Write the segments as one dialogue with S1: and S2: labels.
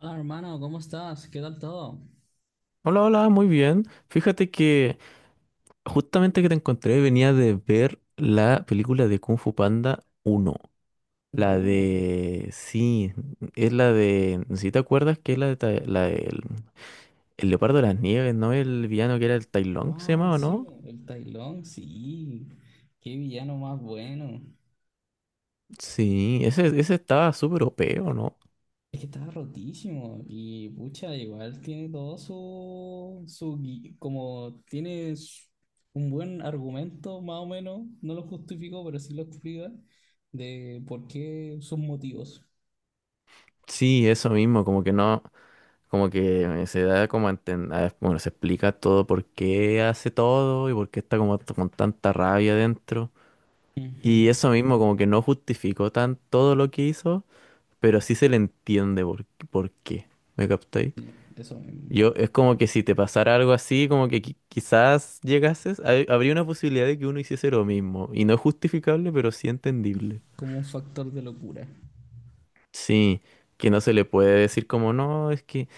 S1: Hola hermano, ¿cómo estás? ¿Qué tal todo?
S2: Hola, hola, muy bien. Fíjate que justamente que te encontré venía de ver la película de Kung Fu Panda uno.
S1: La
S2: La
S1: uno.
S2: de... Sí, es la de... Si te acuerdas que es la de... Leopardo de las Nieves, ¿no? El villano que era el Tai Lung, ¿se
S1: Ah,
S2: llamaba,
S1: sí,
S2: no?
S1: bo, el Tailón, sí. Qué villano más bueno.
S2: Sí, ese estaba súper OP, ¿o no?
S1: Es que estaba rotísimo. Y pucha, igual tiene todo como tiene un buen argumento, más o menos. No lo justifico pero sí lo explica. De por qué sus motivos.
S2: Sí, eso mismo, como que no... Como que se da como a entender... Bueno, se explica todo por qué hace todo y por qué está como con tanta rabia dentro.
S1: Ujú.
S2: Y eso mismo como que no justificó tan todo lo que hizo, pero sí se le entiende por qué. ¿Me captáis?
S1: Sí, eso mismo.
S2: Yo, es como que si te pasara algo así, como que quizás llegases, habría una posibilidad de que uno hiciese lo mismo. Y no es justificable, pero sí entendible.
S1: Como un factor de locura.
S2: Sí, que no se le puede decir como no, es que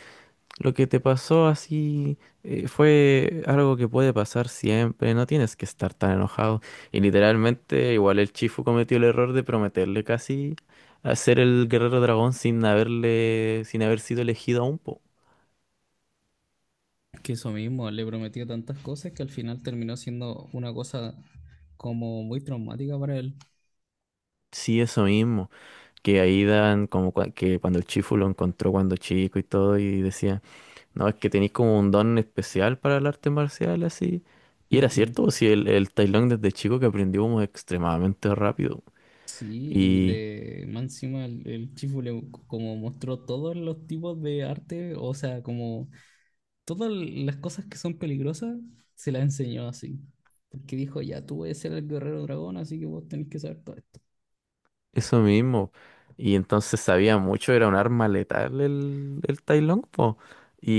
S2: lo que te pasó así, fue algo que puede pasar siempre, no tienes que estar tan enojado. Y literalmente, igual el Chifu cometió el error de prometerle casi a ser el guerrero dragón sin haberle, sin haber sido elegido aún, po.
S1: Que eso mismo, le prometió tantas cosas que al final terminó siendo una cosa como muy traumática para él.
S2: Sí, eso mismo, que ahí dan como que cuando el Chifu lo encontró cuando chico y todo y decía, no, es que tenéis como un don especial para el arte marcial así. Y era
S1: Ujú.
S2: cierto, si el Tai Lung desde chico que aprendió como extremadamente rápido.
S1: Sí, y le, más encima el Chifu le como mostró todos los tipos de arte, o sea, como todas las cosas que son peligrosas, se las enseñó así. Porque dijo, ya tú eres el guerrero dragón, así que vos tenés que saber todo esto.
S2: Eso mismo. Y entonces sabía mucho, era un arma letal el Tai Lung, po.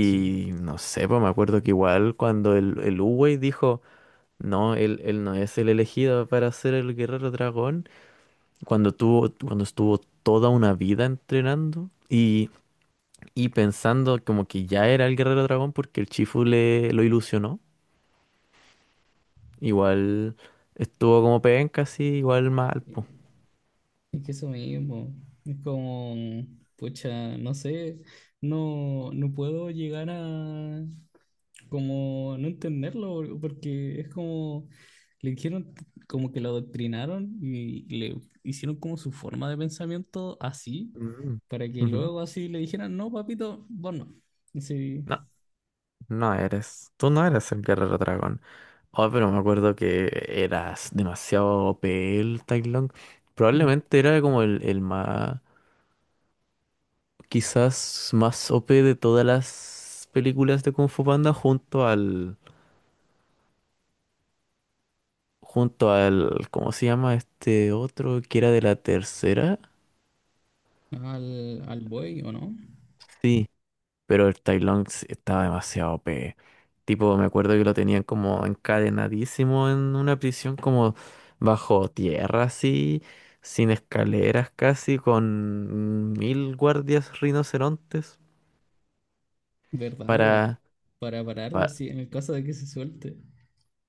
S1: Sí,
S2: no sé, pues me acuerdo que igual cuando el Uwei dijo, no, él no es el elegido para ser el guerrero dragón, cuando tuvo, cuando estuvo toda una vida entrenando y pensando como que ya era el guerrero dragón porque el Chifu le lo ilusionó, igual estuvo como penca, así, igual mal,
S1: sí.
S2: po.
S1: Es que eso mismo, es como, pucha, no sé, no puedo llegar a como no entenderlo, porque es como, le dijeron como que lo adoctrinaron y le hicieron como su forma de pensamiento así,
S2: Mm.
S1: para que
S2: Ujú.
S1: luego así le dijeran, no, papito, vos no. Sí.
S2: No. No eres, tú no eres el guerrero dragón. Oh, pero me acuerdo que eras demasiado OP el Tai Lung.
S1: Mm.
S2: Probablemente era como el más, quizás más OP de todas las películas de Kung Fu Panda junto al, ¿cómo se llama este otro que era de la tercera?
S1: Al buey, ¿o no?
S2: Sí. Pero el Tai Lung estaba demasiado O p. Tipo, me acuerdo que lo tenían como encadenadísimo en una prisión como bajo tierra así, sin escaleras casi, con mil guardias rinocerontes
S1: ¿Verdad, bo?
S2: para...
S1: Para pararlo,
S2: pa-
S1: sí, en el caso de que se suelte.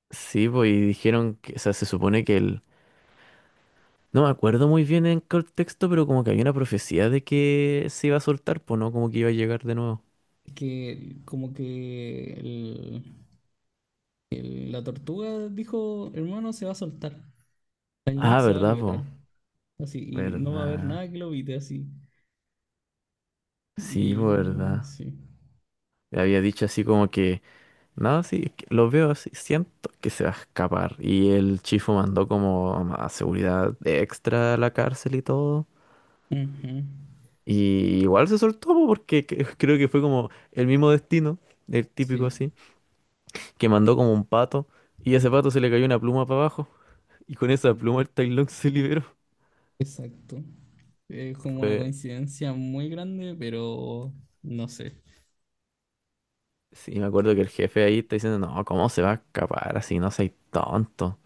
S2: sí, pues, y dijeron que, o sea, se supone que el... No me acuerdo muy bien en qué texto, pero como que había una profecía de que se iba a soltar, pues no, como que iba a llegar de nuevo.
S1: Que como que la tortuga dijo, hermano, se va a soltar. Tang Long
S2: Ah,
S1: se va a
S2: ¿verdad,
S1: liberar.
S2: po?
S1: Así, y no va a haber
S2: ¿Verdad?
S1: nada que lo evite así.
S2: Sí, po,
S1: Y
S2: ¿verdad?
S1: sí.
S2: Le había dicho así como que... No, sí, es que lo veo así, siento que se va a escapar. Y el Chifu mandó como a seguridad extra a la cárcel y todo.
S1: Ujú.
S2: Y igual se soltó po, porque creo que fue como el mismo destino, el típico
S1: Sí,
S2: así, que mandó como un pato y a ese pato se le cayó una pluma para abajo. Y con esa pluma el Tai Lung se liberó.
S1: exacto. Es como una
S2: Fue,
S1: coincidencia muy grande, pero no sé.
S2: sí, me acuerdo que el jefe ahí está diciendo, no, ¿cómo se va a escapar así? No seas tonto.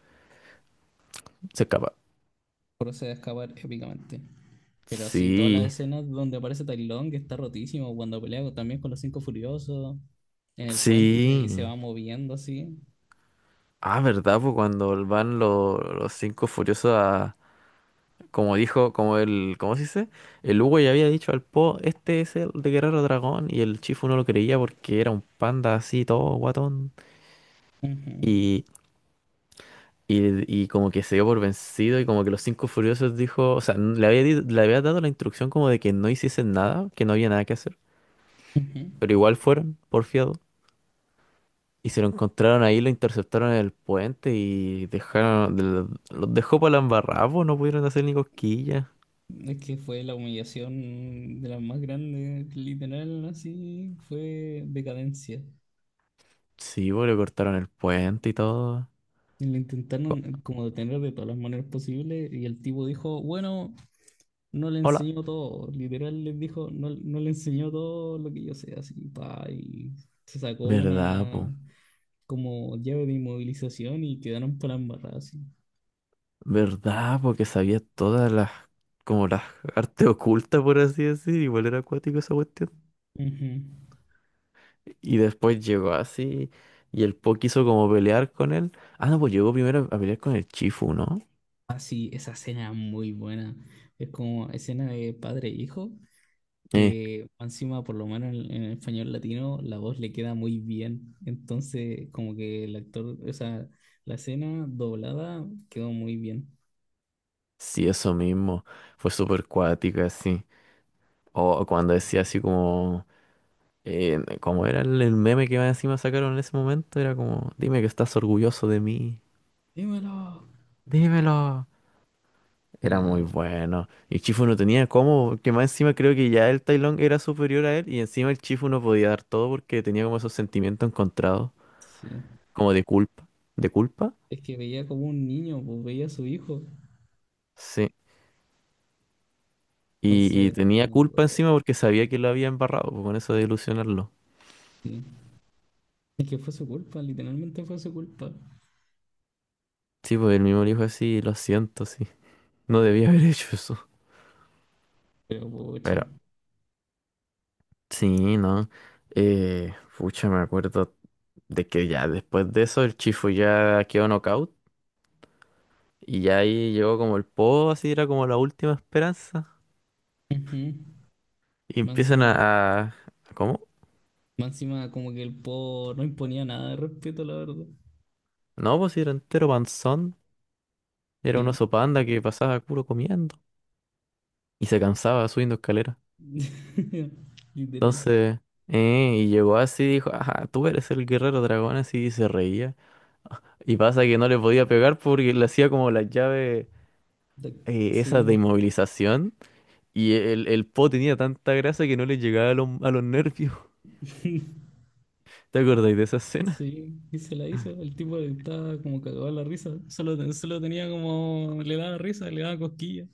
S2: Se escapa.
S1: Procede a escapar épicamente. Pero sí, todas las
S2: Sí,
S1: escenas donde aparece Tai Lung, que está rotísimo, cuando pelea también con los Cinco Furiosos en el puente y se
S2: sí.
S1: va moviendo así.
S2: Ah, ¿verdad? Pues cuando van los cinco furiosos a... Como dijo, como el... ¿Cómo se dice? El Hugo ya había dicho al Po, este es el de Guerrero Dragón. Y el Chifu no lo creía porque era un panda así, todo guatón.
S1: Ujú,
S2: Y, y como que se dio por vencido y como que los cinco furiosos dijo... O sea, le había, le había dado la instrucción como de que no hiciesen nada, que no había nada que hacer.
S1: ujú.
S2: Pero igual fueron, porfiado. Y se lo encontraron ahí, lo interceptaron en el puente y dejaron, los dejó para la embarrada, po, no pudieron hacer ni cosquillas.
S1: Es que fue la humillación de las más grandes, literal, así fue decadencia.
S2: Sí, pues le cortaron el puente y todo.
S1: Y lo
S2: Co-
S1: intentaron como detener de todas las maneras posibles y el tipo dijo, bueno, no le
S2: Hola.
S1: enseñó todo, literal les dijo, no, no le enseñó todo lo que yo sé, así, pa, y se sacó
S2: ¿Verdad,
S1: una
S2: po?
S1: como llave de inmovilización y quedaron para embarrar así.
S2: ¿Verdad? Porque sabía todas las, como las artes ocultas, por así decir. Igual era acuático esa cuestión.
S1: Ujú.
S2: Y después llegó así y el Po quiso como pelear con él. Ah, no, pues llegó primero a pelear con el Chifu, ¿no?
S1: Ah, sí, esa escena es muy buena. Es como escena de padre e hijo,
S2: Eh,
S1: que encima, por lo menos en el español latino, la voz le queda muy bien. Entonces, como que el actor, o sea, la escena doblada quedó muy bien.
S2: sí, eso mismo. Fue súper cuática. O, cuando decía así como, como era el meme que más encima sacaron en ese momento, era como, dime que estás orgulloso de mí,
S1: Dímelo.
S2: dímelo. Era muy
S1: Bueno,
S2: bueno. Y Chifu no tenía cómo, que más encima creo que ya el Tai Lung era superior a él y encima el Chifu no podía dar todo porque tenía como esos sentimientos encontrados,
S1: sí.
S2: como de culpa. ¿De culpa?
S1: Es que veía como un niño, pues veía a su hijo.
S2: Sí. Y
S1: Entonces,
S2: tenía
S1: no lo
S2: culpa
S1: puedo
S2: encima porque sabía que lo había embarrado, pues, con eso de ilusionarlo.
S1: decir. Es que fue su culpa, literalmente fue su culpa.
S2: Sí, pues el mismo le dijo así, lo siento, sí. No debía haber hecho eso.
S1: Pero, pucha.
S2: Pero sí, ¿no? Pucha, me acuerdo de que ya después de eso el Chifu ya quedó knockout y ya ahí llegó como el Po, así era como la última esperanza.
S1: Ujú.
S2: Y
S1: Más
S2: empiezan
S1: encima,
S2: a... ¿Cómo?
S1: más encima como que el po no imponía nada de respeto, la verdad.
S2: No, pues sí, era entero panzón. Era un
S1: Sí.
S2: oso panda que pasaba puro comiendo y se cansaba subiendo escaleras.
S1: Literal.
S2: Entonces, y llegó así y dijo, ajá, tú eres el guerrero dragón, así y se reía. Y pasa que no le podía pegar porque le hacía como las llaves,
S1: Da-
S2: esas de
S1: Sí.
S2: inmovilización. Y el po tenía tanta grasa que no le llegaba a los, nervios. ¿Te acordáis de esa escena?
S1: Sí, y se la hizo. El tipo estaba como cagado de la risa. Solo, solo tenía como. Le daba risa, le daba cosquillas.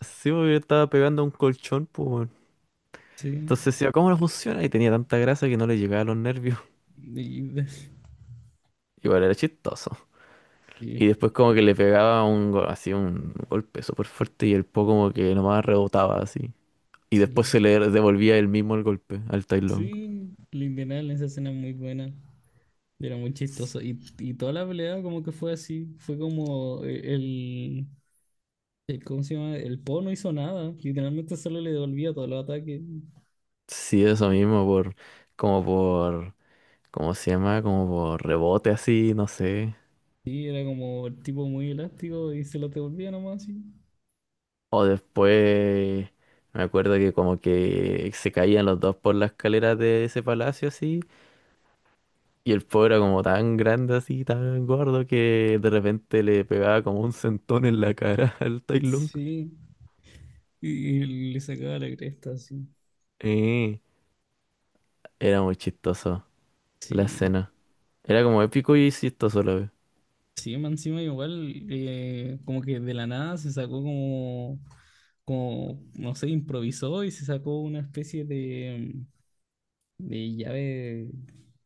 S2: Sí, porque estaba pegando a un colchón, pues, weón.
S1: Sí.
S2: Entonces decía, ¿cómo no funciona? Y tenía tanta grasa que no le llegaba a los nervios.
S1: Y- y-
S2: Igual era chistoso. Y
S1: sí,
S2: después como que le pegaba así un golpe súper fuerte y el po como que nomás rebotaba así. Y después
S1: sí.
S2: se le devolvía él mismo el golpe al Tai Lung.
S1: Sí, el Indianal en esa escena es muy buena. Era muy chistoso. Y toda la pelea, como que fue así. Fue como ¿Cómo se llama? El Po no hizo nada. Literalmente solo le devolvía todos los ataques.
S2: Sí, eso mismo, por, como por, ¿cómo se llama? Como por rebote así, no sé.
S1: Sí, era como el tipo muy elástico y se los devolvía nomás, sí.
S2: O después me acuerdo que como que se caían los dos por la escalera de ese palacio así. Y el pobre era como tan grande así, tan gordo que de repente le pegaba como un centón en la cara al Tai Lung.
S1: Sí. Y le sacaba la cresta así.
S2: Eh, Era muy chistoso la
S1: Sí,
S2: escena. Era como épico y chistoso a la vez.
S1: sí, más encima igual, como que de la nada se sacó como, como, no sé, improvisó y se sacó una especie de llave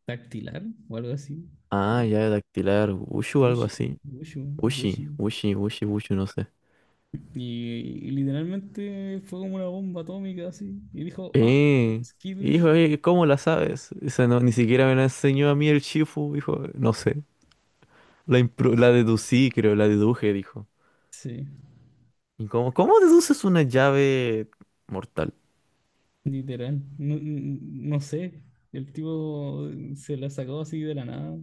S1: dactilar o algo así.
S2: Ah, llave dactilar, Wushu o algo
S1: Gucci,
S2: así.
S1: Gucci, Gucci.
S2: Wushi, Wushi, Wushi, Wushu, no sé.
S1: Y literalmente fue como una bomba atómica así. Y dijo, ah,
S2: Eh,
S1: skidush.
S2: Hijo, ¿cómo la sabes? O sea, no, ni siquiera me la enseñó a mí el Shifu, hijo, no sé. La,
S1: No
S2: impro- la
S1: sé.
S2: deducí, creo, la deduje, dijo.
S1: Sí.
S2: ¿Y cómo deduces una llave mortal?
S1: Literal, no, no sé. El tipo se la sacó así de la nada.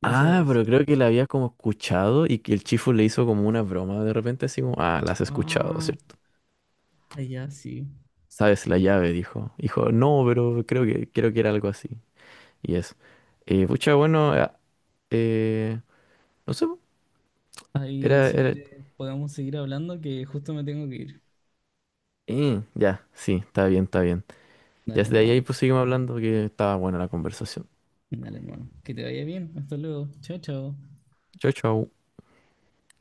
S1: Hizo
S2: Ah, pero creo
S1: skin.
S2: que la había como escuchado y que el chifu le hizo como una broma de repente, así como, ah, la has escuchado,
S1: Ah,
S2: ¿cierto?
S1: ya sí.
S2: Sabes la llave, dijo. Dijo, no, pero creo que era algo así. Y eso. Pucha, bueno, eh, no sé, po.
S1: Ahí,
S2: era,
S1: si
S2: era,
S1: quieres, podemos seguir hablando que justo me tengo que ir.
S2: ya, sí, está bien, está bien. Ya
S1: Dale,
S2: desde ahí
S1: hermano.
S2: pues seguimos hablando que estaba buena la conversación.
S1: Dale, hermano. Que te vaya bien. Hasta luego. Chao, chao.
S2: Chau, chau.